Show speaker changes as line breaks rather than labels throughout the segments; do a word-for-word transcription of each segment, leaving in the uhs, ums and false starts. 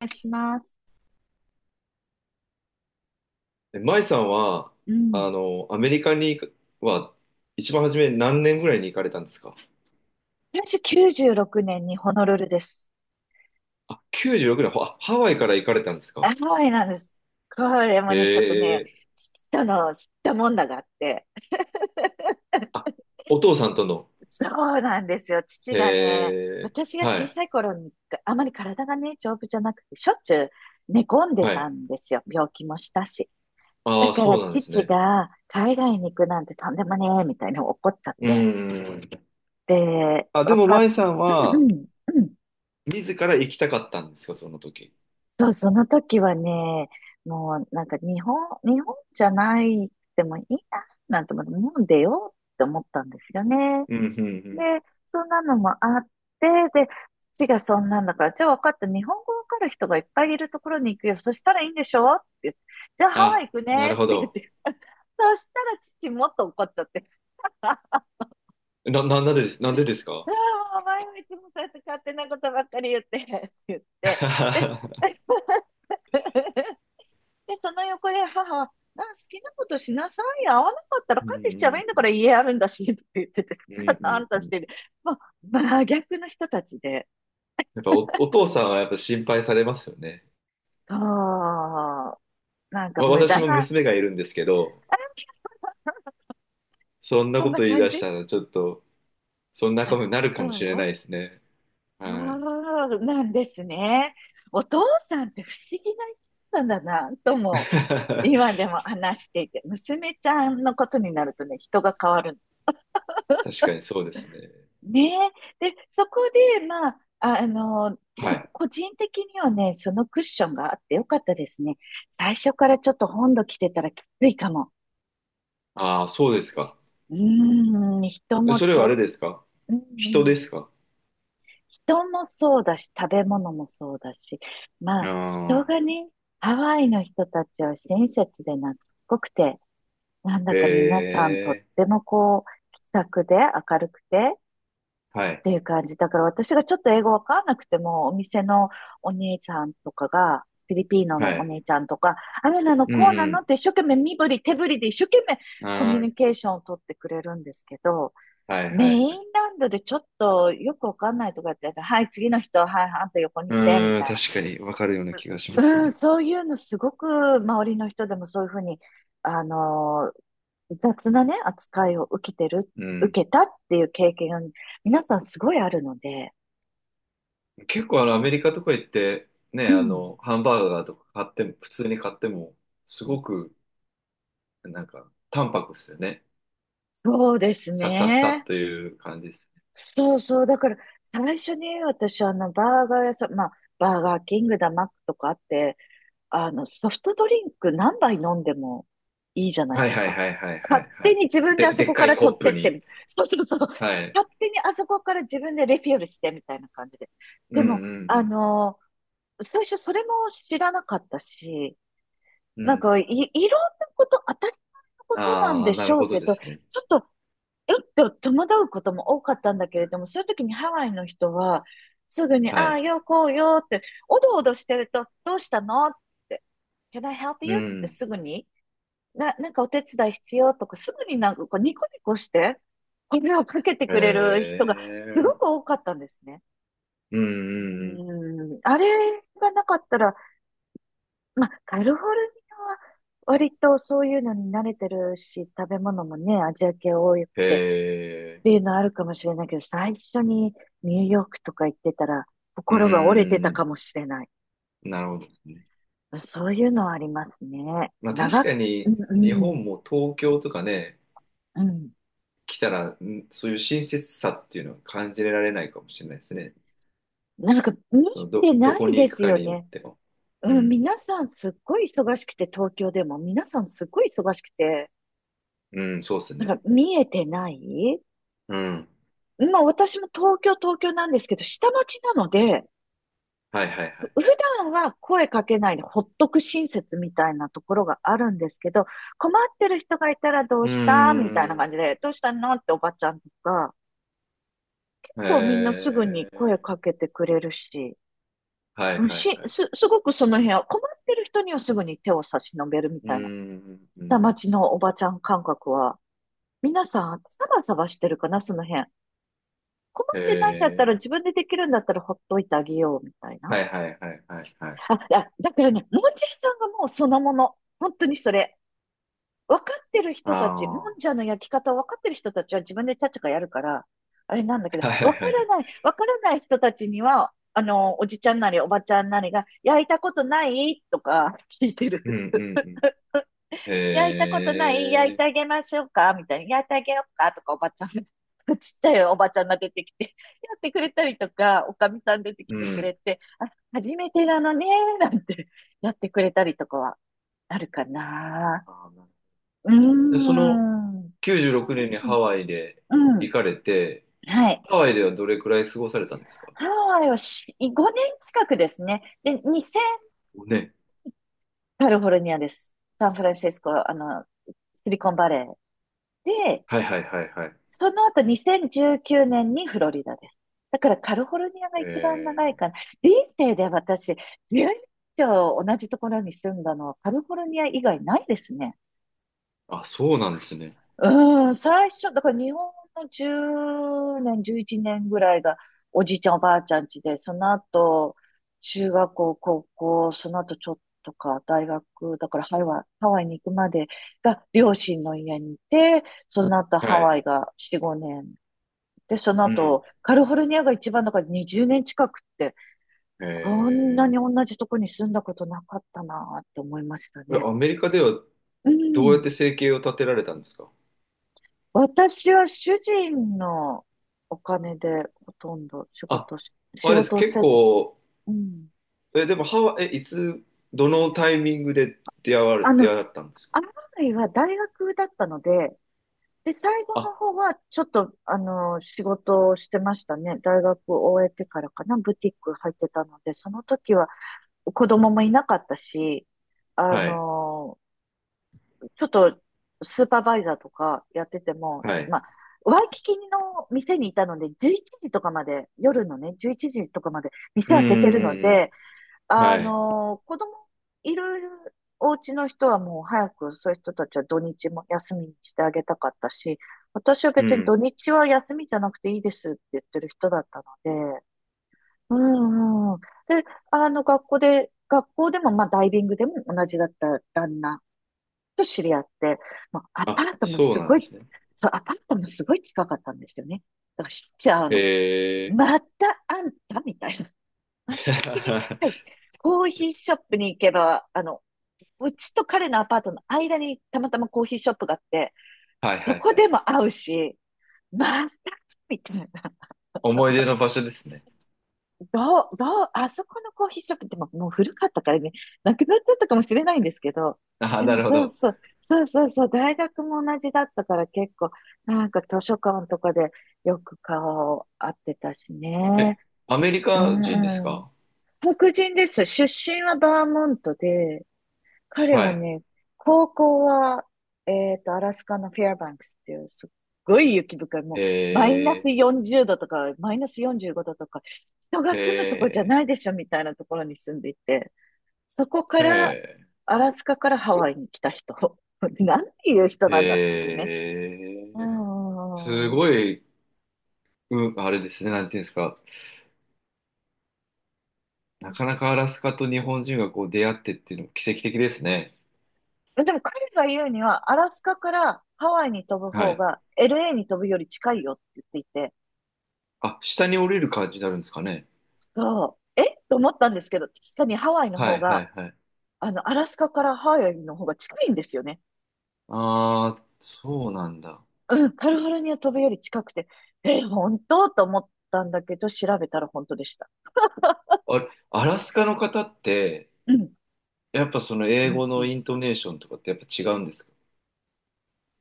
お願いします。
え舞さんは、
う
あ
ん。
の、アメリカには、一番初め何年ぐらいに行かれたんですか？
私きゅうじゅうろくねんにホノルルです。
あ、きゅうじゅうろくねん、ほあハワイから行かれたんですか？
ハワイなんです。これ
へ
もね、ちょっとね、
え、
父との知ったもんだがあって。
あ、お父さんとの。
そうなんですよ。父がね、
へえ、
私が
は
小
い、
さい頃に、あまり体がね、丈夫じゃなくて、しょっちゅう寝込んで
は
た
い。
んですよ。病気もしたし。だ
ああ、
から
そうなんです
父
ね。
が海外に行くなんてとんでもねえ、みたいに怒っちゃっ
う
て。
ん。
で、
あ、で
わ
も
かっ、
舞さん
うんう
は、
ん、うん。
自ら行きたかったんですか、その時。
そう、その時はね、もうなんか日本、日本じゃないでもいいな、なんて思って、日本出ようって思ったんですよね。
うん、うん、う
で、
ん。
そんなのもあって、で、父がそんなんだから、じゃあ分かった、日本語わかる人がいっぱいいるところに行くよ。そしたらいいんでしょって言って、じゃあハワイ
あ、
行く
な
ねっ
るほ
て言っ
ど。
て。そしたら父もっと怒っちゃって。あ、あ
な、な、なんでです、なんでですか？
もうお前はいつもそうやって勝手なことばっかり言って、って言って。で、で、その横で母は、あ、好きなことしなさいよ。合わなかったら帰
う
ってきちゃえばいい
ん、
んだ
う
から
ん、
家あるんだし、とか言ってて、
うん、う
あん
ん、う
た
ん。
し
うん。
てる。まあ、真逆の人たちで、
やっぱお、お父さんはやっぱ心配されますよね。
そう、なんか
まあ、
無
私
駄
も
な、あ、
娘がいるんですけど、そんな
そん
こ
な
と言い
感
出し
じ
たらちょっと、そんなこ
あ、
とになるか
そ
もしれな
う
いですね。
そ
はい。
うなんですね。お父さんって不思議な人なんだな、とも、今 でも話していて、娘ちゃんのことになるとね、人が変わる
確かにそうですね。
ねえ。で、そこで、まあ、あの、で
は
も
い。
個人的にはね、そのクッションがあってよかったですね。最初からちょっと本土来てたらきついかも。
ああ、そうですか。
うーん、人
え
も
それ
ち
は
ょ
あ
っ、
れですか？
うんう
人で
ん
すか？
人もそうだし、食べ物もそうだし、まあ、
あ
人が
あ、
ね、ハワイの人たちは親切で懐っこくて、なんだか皆
へ
さんとっ
え。
てもこう、気さくで明るくて、
は
っ
い。
ていう感じ。だから私がちょっと英語わかんなくても、お店のお姉ちゃんとかが、フィリピーノ
は
のお
い。
姉ちゃんとか、あれなの、
う
こうなのっ
ん
て一生懸命身振り手振りで一生懸命
うん。
コミュニ
あ
ケーションを取ってくれるんですけど、
あ、はい
メ
はい
イ
は
ン
い。
ランドでちょっとよくわかんないとかって、はい、次の人、はい、あんた横に
う
来て、み
ーん、
たいな。
確かにわかるような気がします
うん、
ね。
そういうのすごく周りの人でもそういうふうに、あの雑なね、扱いを受けてる、
うん。
受けたっていう経験が皆さんすごいあるので、
結構あ
う
のアメリ
ん
カとか行ってね、
う
あ
ん。
の、ハンバーガーとか買っても、普通に買っても、すごくなんか淡白っすよね。
そうです
さささ
ね。
という感じです。
そうそう。だから、最初に私、あの、バーガー屋さん、まあ、バーガーキングだ、マックとかあって、あの、ソフトドリンク何杯飲んでもいいじゃない
は
で
い
す
はい
か。
はいはいは
勝
いは
手
い。
に自分であ
で、
そ
でっ
こ
か
か
い
ら
コ
取
ッ
って
プ
っ
に。
て、そうそうそう。
はい。
勝手にあそこから自分でレフィールしてみたいな感じで。
う
で
んう
も、あ
ん
の、最初それも知らなかったし、
うん。う
なん
ん。
かい、いろんなこと、当たり前のことなん
ああ、
で
な
し
る
ょ
ほ
う
ど
け
で
ど、ち
すね。
ょっとうっと戸惑うことも多かったんだけ
う
れ
ん。
ども、そういう時にハワイの人は、すぐに、
は
ああ、
い。
よ、こうよって、おどおどしてると、どうしたのって、Can I help
う
you? って
ん。
すぐに、な、なんかお手伝い必要とか、すぐになんかこうニコニコして、声をかけて
へ
くれる人がすごく
え。
多かったんですね。
うんうんうん。
うん、あれがなかったら、まあ、カリフォルニアは割とそういうのに慣れてるし、食べ物もね、アジア系多くて、っ
へえ。
ていうのあるかもしれないけど、最初にニューヨークとか行ってたら、
う
心が折れてたか
ん。
もしれない。
なるほどですね。
そういうのはありますね。
まあ確
長く、
か
う
に
んう
日本
ん、
も東京とかね、
うん。
来たら、んそういう親切さっていうのは感じられないかもしれないですね。
なんか見
そのど、
てな
どこ
い
に
で
行く
す
か
よ
によっ
ね。
ても。う
うん、
ん、
皆さんすっごい忙しくて、東京でも皆さんすっごい忙しくて、
うん、そうです
な
ね。
んか見えてない
うん、
まあ私も東京、東京なんですけど、下町なので、
はいはいは
普
い。
段は声かけないでほっとく親切みたいなところがあるんですけど、困ってる人がいたらどう
うー
したみたいな感
ん、
じで、どうしたのっておばちゃんとか、結
え
構みんなすぐに声
ー、
かけてくれるし、
はいはい
し、
はい。
す、すごくその辺は困ってる人にはすぐに手を差し伸べるみ
うー
たいな、
ん、う
下
ん、
町のおばちゃん感覚は、皆さんサバサバしてるかな、その辺。困ってないんだったら
え
自分でできるんだったらほっといてあげようみたい
ー、
な。
はいはいはいはいはい。
あ、だだからね、もんじゃ屋さんがもうそのもの。本当にそれ。分かってる
あ
人た
あ、
ち、もん
は
じゃの焼き方を分かってる人たちは自分でチャチャカやるから、あれなんだけど、
いは
分
い
か
はいは
ら
い。
ない、分からない人たちには、あの、おじちゃんなりおばちゃんなりが、焼いたことないとか聞いて
うん
る。
うんうん。
焼いたことない焼い
え
てあ
ー、
げましょうかみたいな。焼いてあげようかとか、おばちゃん。ちっちゃいおばちゃんが出てきて、やってくれたりとか、おかみさん出てき
う
てく
ん。
れて、あ、初めてなのね、なんてやってくれたりとかはあるかな。
あー、なるほど。
うー
で、その
ん。うん
きゅうじゅうろくねんにハワイで
うんうん。
行かれて、
はい。
ハワイではどれくらい過ごされたんですか？
ハワイをし、ごねん近くですね。で、にせん、
五年。
カリフォルニアです。サンフランシスコ、あの、シリコンバレー。で、
はいはいはいはい。
その後にせんじゅうきゅうねんにフロリダです。だからカリフォルニアが一番長い
え
かな。人生で私、じゅうねん以上同じところに住んだのはカリフォルニア以外ないですね。
ー、あ、そうなんですね。
うん、最初、だから日本のじゅうねん、じゅういちねんぐらいがおじいちゃんおばあちゃん家で、その後、中学校、高校、その後ちょっとか、大学、だからハワイ、ハワイに行くまでが両親の家にいて、その後ハ
は
ワ
い。
イがよん、ごねん。で、その
うん。
後、カリフォルニアが一番だからにじゅうねん近くって、こんなに
え
同じとこに住んだことなかったなって思いました
ー、え
ね。
アメリカでは
う
どうやって
ん。
生計を立てられたんですか？
私は主人のお金でほとんど仕
あ、
事し、
あ
仕
れです。
事を
結
せず、
構、
うん。
え、でもハワイ、え、いつ、どのタイミングで出会われ、
あの、
出会ったんですか？
アライは大学だったので、で、最後
あ、
の方はちょっと、あの、仕事をしてましたね。大学を終えてからかな、ブティック入ってたので、その時は子供もいなかったし、あ
はい。
の、ちょっとスーパーバイザーとかやってても、
はい。
まあ、ワイキキの店にいたので、じゅういちじとかまで、夜のね、じゅういちじとかまで店
うん
開けてる
うん
の
うん
で、
うん。
あ
はい。
のー子供いるお家の人はもう早くそういう人たちは土日も休みにしてあげたかったし、私は
う
別に
ん。
土日は休みじゃなくていいですって言ってる人だったので、うんうん。で、あの、学校で、学校でも、まあ、ダイビングでも同じだった旦那と知り合って、まあアパ
あ、
ートも
そう
す
な
ご
ん
い、
ですね。
そう、アパートもすごい近かったんですよね。だからしょっちゅう会うの。
え
またあんたみたいな。また君
ー、
はい。コーヒーショップに行けば、あの、うちと彼のアパートの間にたまたまコーヒーショップがあって、
はい
そ
はい
こ
は
で
い。
も会うし、またみたいな。
思い出の場所ですね。
どう、どう、あそこのコーヒーショップってもうもう古かったからね、なくなっちゃったかもしれないんですけど、
あ、
で
な
も
るほ
そう
ど。
そう、そうそうそう、大学も同じだったから結構、なんか図書館とかでよく顔を合ってたし
え、
ね。
アメリ
う
カ人です
んうん。
か？
黒人です。出身はバーモントで、彼
は
は
い。
ね、高校は、えっと、アラスカのフェアバンクスっていう、すっごい雪深い、もう、マイナス
え
よんじゅうどとか、マイナスよんじゅうごどとか、人が
ー、
住むとこじゃ
え
ないでしょ、みたいなところに住んでいて、そこか
ー、
ら、
え
アラスカからハワイに来た人。なんていう人
ー、
なんだっていうね。う
えー、
ー
す
ん。
ごい、うん、あれですね、なんていうんですか。なかなかアラスカと日本人がこう出会ってっていうのも奇跡的ですね。
でも彼が言うには、アラスカからハワイに飛ぶ
は
方
い。
が エルエー に飛ぶより近いよって言っていて、
あ、下に降りる感じになるんですかね。
そう。えと思ったんですけど、確かにハワイの
は
方
い、は
が、
い、はい。
あの、アラスカからハワイの方が近いんですよね。
ああ、そうなんだ。
うん、カリフォルニア飛ぶより近くて、え、本当と思ったんだけど、調べたら本当でした。
あれ、アラスカの方って、
うん、
やっぱその
う
英
ん、
語
う
の
ん。
イントネーションとかってやっぱ違うんですか？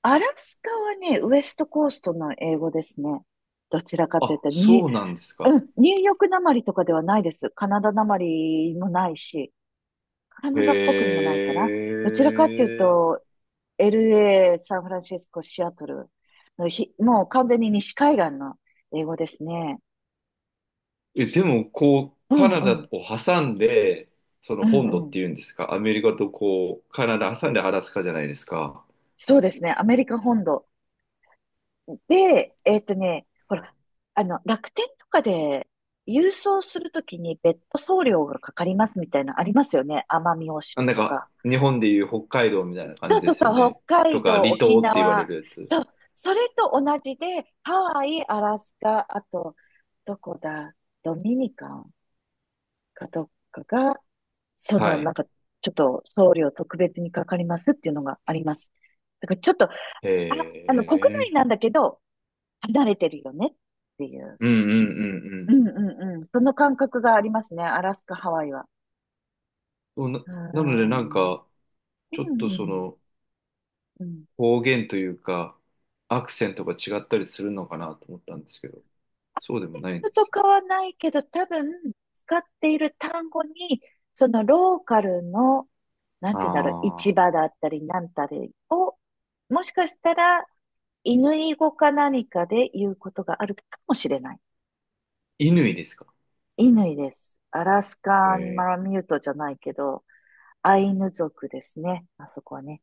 アラスカはね、ウエストコーストの英語ですね。どちらかという
あ、
と、に、
そうなんですか。
うん、ニューヨークなまりとかではないです。カナダなまりもないし、カ
へ
ナダっぽくもないかな。どちらかという
え。
と、エルエー、サンフランシスコ、シアトルのひ、もう完全に西海岸の英語ですね。
え、でも、こう、
う
カ
ん
ナ
う
ダ
ん。
を挟んで、そ
う
の本土
ん
っ
うん。
ていうんですか、アメリカとこう、カナダ挟んでアラスカじゃないですか。
そうですね。アメリカ本土。で、えっとね、ほ
はい。
ら、あの、楽天とかで郵送するときに別途送料がかかりますみたいなのありますよね。奄美大
あ、
島
なん
と
か、
か。
日本でいう北海道
そ
みたいな感
う
じ
そ
で
う
すよ
そう、
ね。
北
と
海
か、
道、
離
沖
島って言われ
縄。
るやつ。
そう、それと同じで、ハワイ、アラスカ、あと、どこだ、ドミニカンかどっかがそ
は
の、な
い。
んか、ちょっと送料特別にかかりますっていうのがあります。だからちょっと、あ、
へ
あの、国内な
え。
んだけど、離れてるよねっていう。
うんうんうんう
う
ん。
んうんうん。その感覚がありますね。アラスカ、ハワイは。
そうな、
う
なの
ん。
で、な
う
ん
ん
か、ちょっと
う
そ
ん。
の、
うん。
方言というか、アクセントが違ったりするのかなと思ったんですけど、そうでもないんで
と
す
か
ね。
はないけど、多分、使っている単語に、そのローカルの、なんていうんだろう、市
ああ、
場だったり、なんたりを、もしかしたら犬語か何かで言うことがあるかもしれない。
犬ですか。
イヌイです。アラス
へ
カンマ
え。
ラミュートじゃないけど、アイヌ族ですね。あそこはね。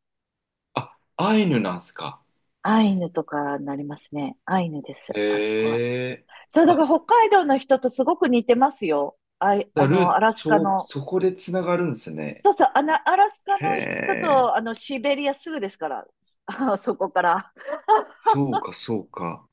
あ、アイヌなんすか。
アイヌとかになりますね。アイヌです。
へ
あそこは。
え。
そう、だか
あ、
ら北海道の人とすごく似てますよ。あい、あ
だル
の、ア
ー、
ラスカ
そう、
の。
そこでつながるんすね。
そうそう、あの、アラスカ
へ
の人
え。
と、あの、シベリアすぐですから。あそこから。
そうか、そうか。